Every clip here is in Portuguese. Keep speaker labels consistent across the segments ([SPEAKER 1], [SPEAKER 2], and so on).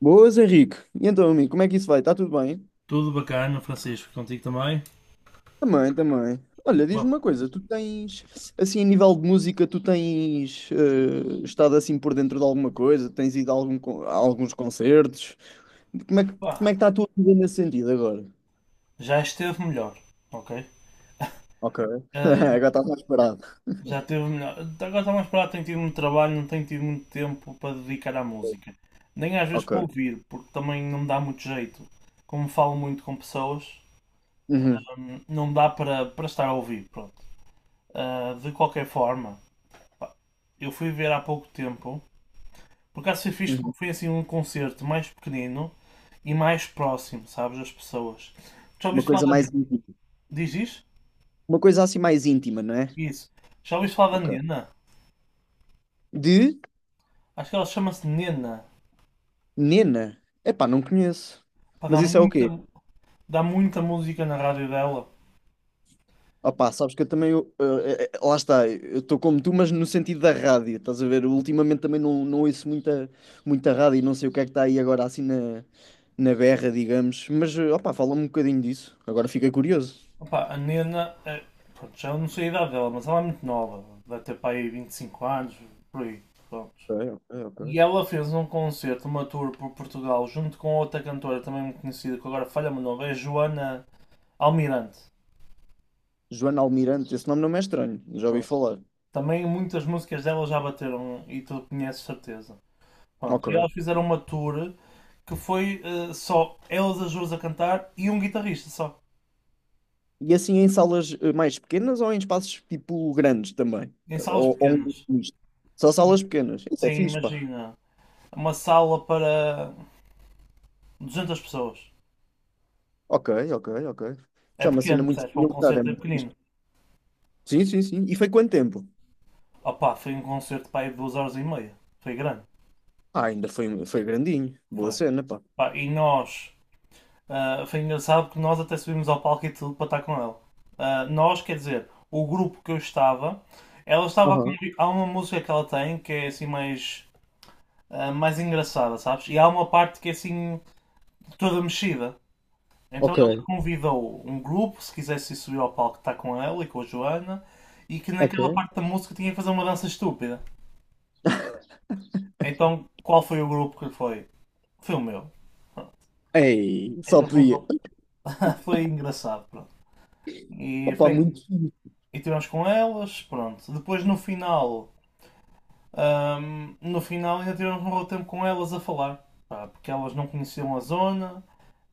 [SPEAKER 1] Boas, Henrique. E então, amigo, como é que isso vai? Está tudo bem?
[SPEAKER 2] Tudo bacana, Francisco, contigo também.
[SPEAKER 1] Também, também. Olha, diz-me
[SPEAKER 2] Bom,
[SPEAKER 1] uma coisa, tu tens, assim, a nível de música, tu tens estado assim por dentro de alguma coisa? Tens ido a a alguns concertos? Como é que, como é
[SPEAKER 2] pá,
[SPEAKER 1] que está a tua vida nesse sentido agora?
[SPEAKER 2] Já esteve melhor, ok?
[SPEAKER 1] Ok.
[SPEAKER 2] Ahm,
[SPEAKER 1] Agora estás mais parado.
[SPEAKER 2] Já esteve melhor. Agora está mais parado, tenho tido muito trabalho, não tenho tido muito tempo para dedicar à música. Nem às vezes
[SPEAKER 1] Ok.
[SPEAKER 2] para ouvir, porque também não me dá muito jeito. Como falo muito com pessoas,
[SPEAKER 1] Uhum,
[SPEAKER 2] não dá para estar a ouvir, pronto. Ah, de qualquer forma, eu fui ver há pouco tempo, por acaso foi fixe
[SPEAKER 1] uhum.
[SPEAKER 2] porque foi assim um concerto mais pequenino e mais próximo, sabes, das pessoas. Já
[SPEAKER 1] Uma
[SPEAKER 2] ouviste falar
[SPEAKER 1] coisa
[SPEAKER 2] da...
[SPEAKER 1] mais íntima.
[SPEAKER 2] Diz?
[SPEAKER 1] Uma coisa assim mais íntima, não é?
[SPEAKER 2] Isso. Já ouviste falar da
[SPEAKER 1] Ok.
[SPEAKER 2] Nena?
[SPEAKER 1] De
[SPEAKER 2] Acho que ela chama-se Nena.
[SPEAKER 1] Nena. Epá, não conheço.
[SPEAKER 2] Pá,
[SPEAKER 1] Mas
[SPEAKER 2] dá
[SPEAKER 1] isso é o quê?
[SPEAKER 2] muita, dá muita música na rádio dela.
[SPEAKER 1] Opá, sabes que eu também, lá está, eu estou como tu, mas no sentido da rádio, estás a ver? Eu ultimamente também não, não ouço muita, muita rádio e não sei o que é que está aí agora assim na, na berra, digamos. Mas, opá, fala-me um bocadinho disso, agora fiquei curioso.
[SPEAKER 2] Opa, a Nena, é, pronto, já não sei a idade dela, mas ela é muito nova. Deve ter para aí 25 anos, por aí. Pronto.
[SPEAKER 1] Ok, ok,
[SPEAKER 2] E
[SPEAKER 1] ok.
[SPEAKER 2] ela fez um concerto, uma tour por Portugal, junto com outra cantora também muito conhecida, que agora falha-me o nome, é Joana Almirante.
[SPEAKER 1] Joana Almirante, esse nome não me é estranho, já ouvi
[SPEAKER 2] Pronto.
[SPEAKER 1] falar.
[SPEAKER 2] Também muitas músicas dela já bateram e tu conheces certeza. Pá.
[SPEAKER 1] Ok.
[SPEAKER 2] E elas fizeram uma tour que foi só elas as duas a cantar e um guitarrista só.
[SPEAKER 1] E assim em salas mais pequenas ou em espaços tipo grandes também?
[SPEAKER 2] Em salas
[SPEAKER 1] Ou
[SPEAKER 2] pequenas.
[SPEAKER 1] um misto? Só salas pequenas, isso é
[SPEAKER 2] Sim,
[SPEAKER 1] fixe, pá.
[SPEAKER 2] imagina. Uma sala para 200 pessoas.
[SPEAKER 1] Ok, ok, ok.
[SPEAKER 2] É
[SPEAKER 1] Isso é uma cena
[SPEAKER 2] pequeno,
[SPEAKER 1] muito
[SPEAKER 2] percebes? Para um
[SPEAKER 1] militar, é
[SPEAKER 2] concerto é
[SPEAKER 1] muito fixe.
[SPEAKER 2] pequenino.
[SPEAKER 1] Sim, sim, sim. E foi quanto tempo?
[SPEAKER 2] Opa, foi um concerto para aí de duas horas e meia. Foi grande.
[SPEAKER 1] Ah, ainda foi, um, foi grandinho. Boa
[SPEAKER 2] Foi.
[SPEAKER 1] cena, pá.
[SPEAKER 2] Pá, e nós. Foi engraçado que nós até subimos ao palco e tudo para estar com ela. Ah, nós, quer dizer, o grupo que eu estava. Ela estava a
[SPEAKER 1] Aham,
[SPEAKER 2] convi- Há uma música que ela tem que é assim mais mais engraçada, sabes? E há uma parte que é assim, toda mexida. Então
[SPEAKER 1] ok,
[SPEAKER 2] ela convidou um grupo, se quisesse ir subir ao palco, está com ela e com a Joana, e que naquela
[SPEAKER 1] ok.
[SPEAKER 2] parte da música tinha que fazer uma dança estúpida. Então qual foi o grupo que foi? Foi o meu.
[SPEAKER 1] Ei, só
[SPEAKER 2] Então fomos
[SPEAKER 1] podia.
[SPEAKER 2] ao- Foi engraçado, pronto. E,
[SPEAKER 1] Opa,
[SPEAKER 2] foi-
[SPEAKER 1] muito fixe.
[SPEAKER 2] e tivemos com elas, pronto. Depois no final No final ainda tivemos um bom tempo com elas a falar, pá, porque elas não conheciam a zona,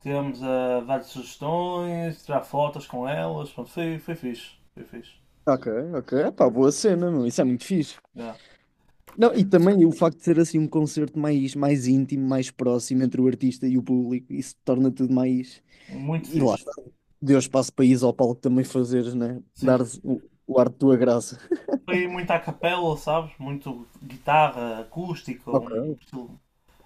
[SPEAKER 2] tivemos a dar sugestões, tirar fotos com elas, pronto, foi fixe, foi fixe.
[SPEAKER 1] Ok, ok. Pá, boa cena, meu. Isso é muito fixe.
[SPEAKER 2] Já.
[SPEAKER 1] Não, e também o facto de ser assim um concerto mais, mais íntimo, mais próximo entre o artista e o público, isso torna tudo mais.
[SPEAKER 2] Muito
[SPEAKER 1] E lá
[SPEAKER 2] fixe.
[SPEAKER 1] está. Deu espaço para ires ao palco também fazeres, né?
[SPEAKER 2] Sim.
[SPEAKER 1] Dar o ar de tua graça.
[SPEAKER 2] Foi muito à capela, sabes? Muito guitarra acústica,
[SPEAKER 1] Ok,
[SPEAKER 2] um estilo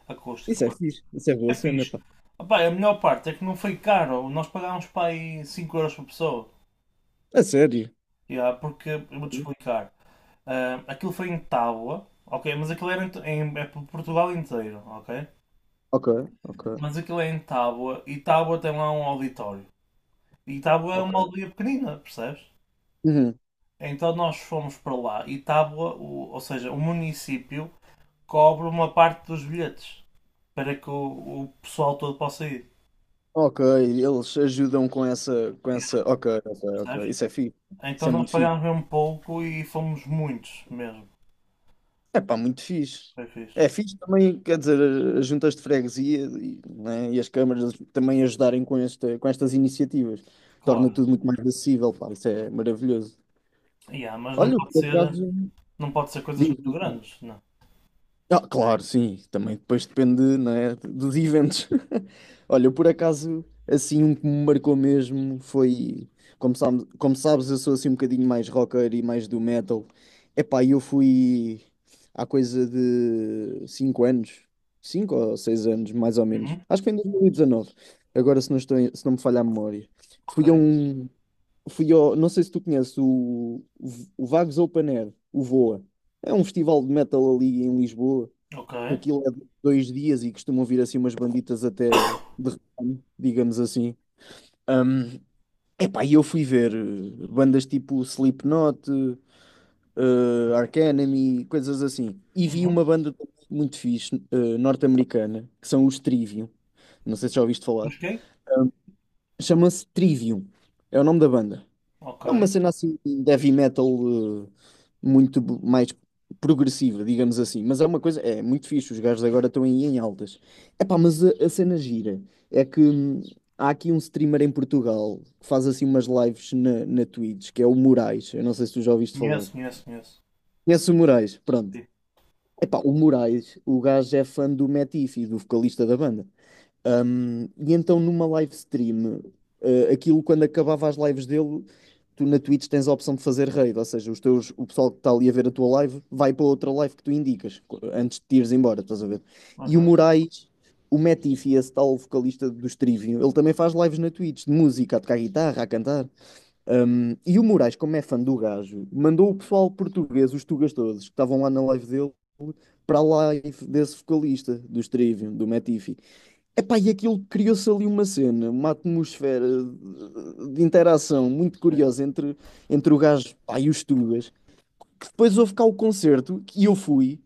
[SPEAKER 2] acústico.
[SPEAKER 1] isso é
[SPEAKER 2] Pronto.
[SPEAKER 1] fixe. Isso é
[SPEAKER 2] É
[SPEAKER 1] boa cena,
[SPEAKER 2] fixe.
[SPEAKER 1] pá.
[SPEAKER 2] Opá, a melhor parte é que não foi caro. Nós pagámos para aí 5€ por pessoa.
[SPEAKER 1] A sério.
[SPEAKER 2] Yeah, porque eu vou-te explicar. Ah, aquilo foi em Tábua, ok? Mas aquilo era é por Portugal inteiro, ok?
[SPEAKER 1] Ok, ok,
[SPEAKER 2] Mas aquilo é em Tábua e Tábua tem lá um auditório. E Tábua é uma
[SPEAKER 1] ok.
[SPEAKER 2] aldeia pequenina, percebes?
[SPEAKER 1] Uhum.
[SPEAKER 2] Então nós fomos para lá e Tábua, o- Ou seja, o município cobre uma parte dos bilhetes para que o pessoal todo possa ir,
[SPEAKER 1] Ok, eles ajudam com essa, com
[SPEAKER 2] yeah,
[SPEAKER 1] essa. Ok, ok, ok.
[SPEAKER 2] percebes?
[SPEAKER 1] Isso é fixe.
[SPEAKER 2] Então
[SPEAKER 1] Isso é
[SPEAKER 2] nós
[SPEAKER 1] muito fixe.
[SPEAKER 2] pagámos mesmo pouco e fomos muitos mesmo.
[SPEAKER 1] É pá, muito fixe.
[SPEAKER 2] Foi
[SPEAKER 1] É
[SPEAKER 2] fixe.
[SPEAKER 1] fixe também, quer dizer, as juntas de freguesia e, né, e as câmaras também ajudarem com, esta, com estas iniciativas. Torna
[SPEAKER 2] Claro.
[SPEAKER 1] tudo muito mais acessível, pá. Isso é maravilhoso.
[SPEAKER 2] Yeah, mas não
[SPEAKER 1] Olha,
[SPEAKER 2] pode
[SPEAKER 1] por
[SPEAKER 2] ser,
[SPEAKER 1] acaso.
[SPEAKER 2] não pode ser coisas
[SPEAKER 1] Diz,
[SPEAKER 2] muito
[SPEAKER 1] diz.
[SPEAKER 2] grandes, não.
[SPEAKER 1] Ah, claro, sim. Também depois depende, né, dos eventos. Olha, eu, por acaso, assim, um que me marcou mesmo foi. Como sabes, eu sou assim um bocadinho mais rocker e mais do metal. Epá, e eu fui há coisa de 5 anos, 5 ou 6 anos, mais ou menos.
[SPEAKER 2] Uhum.
[SPEAKER 1] Acho que foi em 2019. Agora, se não estou, se não me falha a memória.
[SPEAKER 2] Ok.
[SPEAKER 1] Fui a um. Fui ao, não sei se tu conheces o Vagos Open Air, o VOA. É um festival de metal ali em Lisboa
[SPEAKER 2] Ok.
[SPEAKER 1] que aquilo é de 2 dias e costumam vir assim umas banditas até de ramo, digamos assim. Epá, e eu fui ver bandas tipo Slipknot, Arch Enemy, coisas assim. E vi
[SPEAKER 2] Uhum.
[SPEAKER 1] uma banda muito fixe, norte-americana, que são os Trivium. Não sei se já ouviste falar.
[SPEAKER 2] Busquei?
[SPEAKER 1] Chama-se Trivium. É o nome da banda.
[SPEAKER 2] Ok.
[SPEAKER 1] É uma cena assim de heavy metal eh, mais progressiva, digamos assim. Mas é uma coisa, é muito fixe, os gajos agora estão aí em altas. Epá, mas a cena gira é que há aqui um streamer em Portugal que faz assim umas lives na Twitch, que é o Moraes. Eu não sei se tu já ouviste falar.
[SPEAKER 2] Conheço.
[SPEAKER 1] Conhece o Moraes? Pronto.
[SPEAKER 2] Sim.
[SPEAKER 1] Epá, o Moraes, o gajo é fã do Metifi, do vocalista da banda. E então numa live stream, aquilo quando acabava as lives dele, tu na Twitch tens a opção de fazer raid, ou seja, os teus, o pessoal que está ali a ver a tua live vai para outra live que tu indicas antes de te ires embora, estás a ver? E o
[SPEAKER 2] Aham.
[SPEAKER 1] Moraes, o Metifi, esse tal vocalista do Trivium, ele também faz lives na Twitch de música, a tocar guitarra, a cantar. E o Moraes, como é fã do gajo, mandou o pessoal português, os tugas todos, que estavam lá na live dele. Para a live desse vocalista do Trivium, do Metifi. Epá, e aquilo criou-se ali uma cena, uma atmosfera de interação muito
[SPEAKER 2] Yeah.
[SPEAKER 1] curiosa entre, entre o gajo, pá, e os Tugas, que depois houve cá o concerto, e eu fui,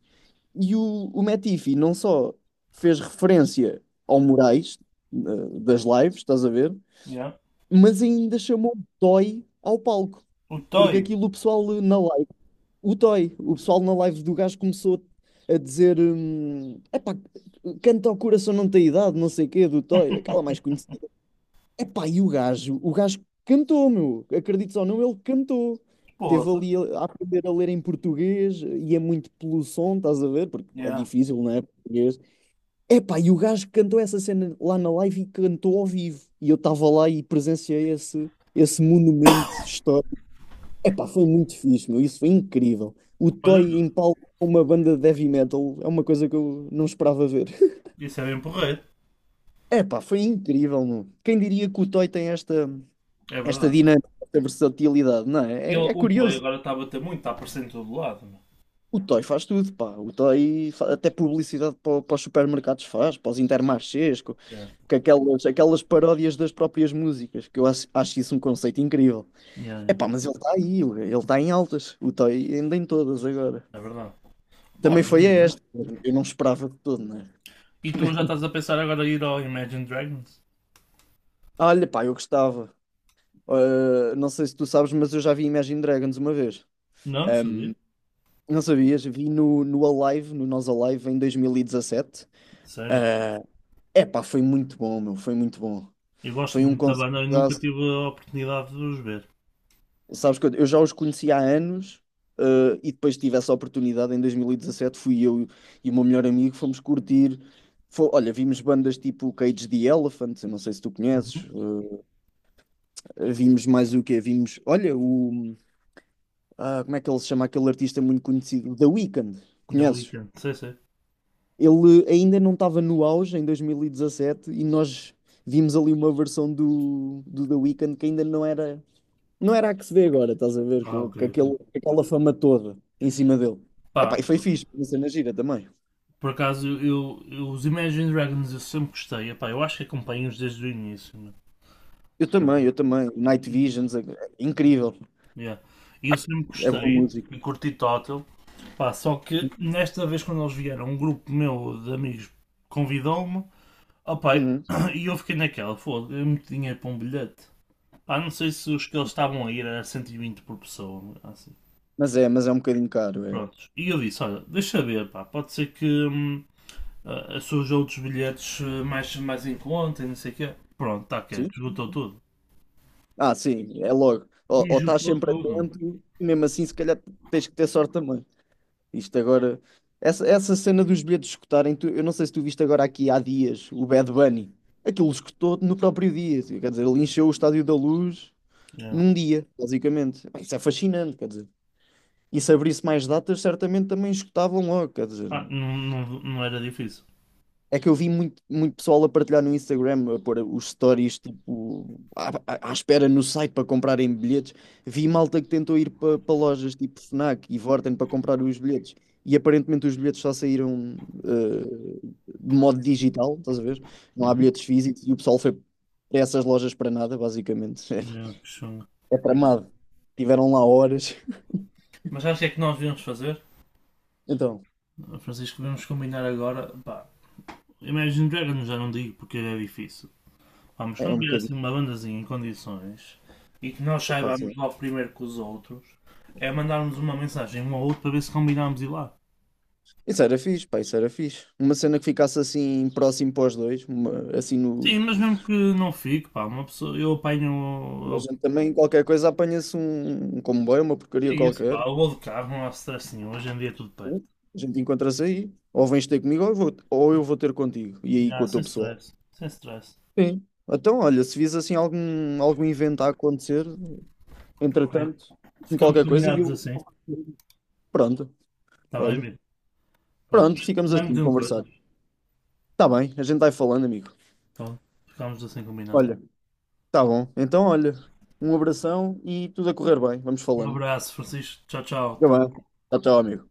[SPEAKER 1] e o Matifi não só fez referência ao Moraes, das lives, estás a ver,
[SPEAKER 2] Yeah.
[SPEAKER 1] mas ainda chamou Toy ao palco,
[SPEAKER 2] O
[SPEAKER 1] porque
[SPEAKER 2] Toy.
[SPEAKER 1] aquilo o pessoal na live o Toy, o pessoal na live do gajo começou a dizer: epá, canta ao coração não tem idade, não sei o quê, do Toy, aquela mais conhecida. Epá, e o gajo cantou, meu, acredites ou não, ele cantou. Teve
[SPEAKER 2] Porra.
[SPEAKER 1] ali a aprender a ler em português, e é muito pelo som, estás a ver? Porque é
[SPEAKER 2] Yeah.
[SPEAKER 1] difícil, não é? Português. Epá, e o gajo cantou essa cena lá na live e cantou ao vivo. E eu estava lá e presenciei esse, esse monumento histórico. Epá, foi muito fixe, meu. Isso foi incrível. O
[SPEAKER 2] Olha,
[SPEAKER 1] Toy em palco com uma banda de heavy metal é uma coisa que eu não esperava ver.
[SPEAKER 2] isso é bem porreiro.
[SPEAKER 1] Epá, foi incrível, meu. Quem diria que o Toy tem esta,
[SPEAKER 2] É
[SPEAKER 1] esta
[SPEAKER 2] verdade.
[SPEAKER 1] dinâmica, esta versatilidade, não é? É, é
[SPEAKER 2] O Toy
[SPEAKER 1] curioso.
[SPEAKER 2] agora está a bater muito, está a aparecer em todo lado, meu.
[SPEAKER 1] O Toy faz tudo, pá. Até publicidade para, para os supermercados faz, para os Intermarchés,
[SPEAKER 2] Yeah.
[SPEAKER 1] com aquelas, aquelas paródias das próprias músicas, que eu acho, acho isso um conceito incrível.
[SPEAKER 2] Yeah, yeah.
[SPEAKER 1] Epá, mas ele está aí, ele está em altas. O Toy ainda em todas agora.
[SPEAKER 2] É verdade. Pá,
[SPEAKER 1] Também
[SPEAKER 2] mas
[SPEAKER 1] foi
[SPEAKER 2] não é.
[SPEAKER 1] esta. Eu não esperava de todo, né?
[SPEAKER 2] E tu já estás a pensar agora em ir ao Imagine Dragons?
[SPEAKER 1] Olha, pá, eu gostava. Não sei se tu sabes, mas eu já vi Imagine Dragons uma vez.
[SPEAKER 2] Não, não sabia.
[SPEAKER 1] Não sabias? Vi no, no Alive, no Nós Alive, em 2017.
[SPEAKER 2] Sério.
[SPEAKER 1] É pá, foi muito bom, meu. Foi muito bom.
[SPEAKER 2] Eu gosto
[SPEAKER 1] Foi um
[SPEAKER 2] muito da
[SPEAKER 1] concerto.
[SPEAKER 2] banda e nunca tive a oportunidade de os ver.
[SPEAKER 1] Sabes que eu já os conhecia há anos. E depois tive essa oportunidade em 2017. Fui eu e o meu melhor amigo, fomos curtir. Olha, vimos bandas tipo Cage the Elephant. Eu não sei se tu conheces.
[SPEAKER 2] Uhum.
[SPEAKER 1] Vimos mais o quê? Vimos, olha, o. Como é que ele se chama? Aquele artista muito conhecido, The Weeknd,
[SPEAKER 2] Da
[SPEAKER 1] conheces?
[SPEAKER 2] Weekend. Sei, sei.
[SPEAKER 1] Ele ainda não estava no auge em 2017 e dezassete e nós vimos ali uma versão do, do The Weeknd que ainda não era, não era a que se vê agora, estás a ver?
[SPEAKER 2] Ah, ok.
[SPEAKER 1] Com
[SPEAKER 2] Ok.
[SPEAKER 1] aquele, com aquela fama toda em cima dele.
[SPEAKER 2] Pá,
[SPEAKER 1] Epá, e foi fixe, uma cena gira também.
[SPEAKER 2] por acaso, os Imagine Dragons eu sempre gostei. Epá, eu acho que acompanho-os desde o início, né?
[SPEAKER 1] Eu também, eu também. O Night
[SPEAKER 2] E,
[SPEAKER 1] Visions, é incrível,
[SPEAKER 2] yeah. E eu sempre
[SPEAKER 1] é boa
[SPEAKER 2] gostei
[SPEAKER 1] música.
[SPEAKER 2] e curti total. Pá, só que nesta vez, quando eles vieram, um grupo meu de amigos convidou-me. Opá,
[SPEAKER 1] Uhum.
[SPEAKER 2] e eu fiquei naquela, foda, é muito dinheiro para um bilhete. Pá, não sei se os que eles estavam a ir era 120 por pessoa. Assim.
[SPEAKER 1] Mas é um bocadinho caro, é.
[SPEAKER 2] Prontos. E eu disse, olha, deixa ver, pá, pode ser que, surge outros bilhetes mais em conta e não sei o quê. Pronto, tá que
[SPEAKER 1] Sim.
[SPEAKER 2] esgotou tudo.
[SPEAKER 1] Ah, sim, é logo.
[SPEAKER 2] E
[SPEAKER 1] Ou estás
[SPEAKER 2] esgotou
[SPEAKER 1] sempre
[SPEAKER 2] tudo.
[SPEAKER 1] atento, mesmo assim, se calhar tens que ter sorte também. Isto agora, essa cena dos bilhetes escutarem, tu- eu não sei se tu viste agora aqui há dias o Bad Bunny. Aquilo escutou no próprio dia, quer dizer, ele encheu o Estádio da Luz
[SPEAKER 2] Yeah.
[SPEAKER 1] num dia, basicamente. Pá, isso é fascinante, quer dizer. E se abrisse mais datas, certamente também escutavam logo, quer dizer.
[SPEAKER 2] Ah, não era difícil.
[SPEAKER 1] É que eu vi muito, muito pessoal a partilhar no Instagram, a pôr os stories tipo, à espera no site para comprarem bilhetes. Vi malta que tentou ir para lojas tipo Fnac e Vorten para comprar os bilhetes. E aparentemente os bilhetes só saíram eh, de modo digital, estás a ver? Não há
[SPEAKER 2] Uhum.
[SPEAKER 1] bilhetes físicos e o pessoal foi para essas lojas para nada, basicamente.
[SPEAKER 2] Yeah, que chunga.
[SPEAKER 1] É, tramado. Tiveram lá horas.
[SPEAKER 2] Mas acho que é que nós devemos fazer,
[SPEAKER 1] Então,
[SPEAKER 2] Francisco, devemos combinar agora. Pá, Imagine Dragons já não digo porque é difícil. Vamos,
[SPEAKER 1] é
[SPEAKER 2] quando
[SPEAKER 1] um
[SPEAKER 2] vier
[SPEAKER 1] bocadinho.
[SPEAKER 2] assim uma bandazinha em condições e que nós
[SPEAKER 1] Pá, assim.
[SPEAKER 2] saibamos logo primeiro que os outros, é mandarmos uma mensagem um ao outro para ver se combinamos ir lá.
[SPEAKER 1] Isso era fixe, pá, isso era fixe. Uma cena que ficasse assim próximo para os dois, uma- assim no,
[SPEAKER 2] Sim, mas mesmo que não fique, pá, uma pessoa, eu
[SPEAKER 1] a
[SPEAKER 2] apanho,
[SPEAKER 1] gente
[SPEAKER 2] eu
[SPEAKER 1] também, qualquer coisa, apanha-se um, um comboio, uma
[SPEAKER 2] é
[SPEAKER 1] porcaria
[SPEAKER 2] isso,
[SPEAKER 1] qualquer.
[SPEAKER 2] pá. Eu vou de carro, não há stress nenhum. Hoje em dia é tudo perto.
[SPEAKER 1] A gente encontra-se aí. Ou vens ter comigo, ou eu vou ter contigo. E aí com
[SPEAKER 2] Já,
[SPEAKER 1] o teu
[SPEAKER 2] sem
[SPEAKER 1] pessoal.
[SPEAKER 2] stress. Sem stress.
[SPEAKER 1] Sim. Então, olha, se vis assim algum, algum evento a acontecer,
[SPEAKER 2] Ok.
[SPEAKER 1] entretanto, com
[SPEAKER 2] Ficamos
[SPEAKER 1] qualquer coisa, e
[SPEAKER 2] combinados
[SPEAKER 1] eu.
[SPEAKER 2] assim.
[SPEAKER 1] Pronto,
[SPEAKER 2] Está bem,
[SPEAKER 1] olha.
[SPEAKER 2] amigo? Pá, tu
[SPEAKER 1] Pronto, ficamos
[SPEAKER 2] vai-me
[SPEAKER 1] assim, a
[SPEAKER 2] dizendo
[SPEAKER 1] conversar.
[SPEAKER 2] coisas.
[SPEAKER 1] Tá bem, a gente vai falando, amigo.
[SPEAKER 2] Pá, ficamos assim combinados.
[SPEAKER 1] Olha, tá bom. Então, olha, um abração e tudo a correr bem. Vamos
[SPEAKER 2] Um
[SPEAKER 1] falando.
[SPEAKER 2] abraço, Francisco. Tchau, tchau.
[SPEAKER 1] Tá
[SPEAKER 2] Tudo
[SPEAKER 1] bem. Até, amigo.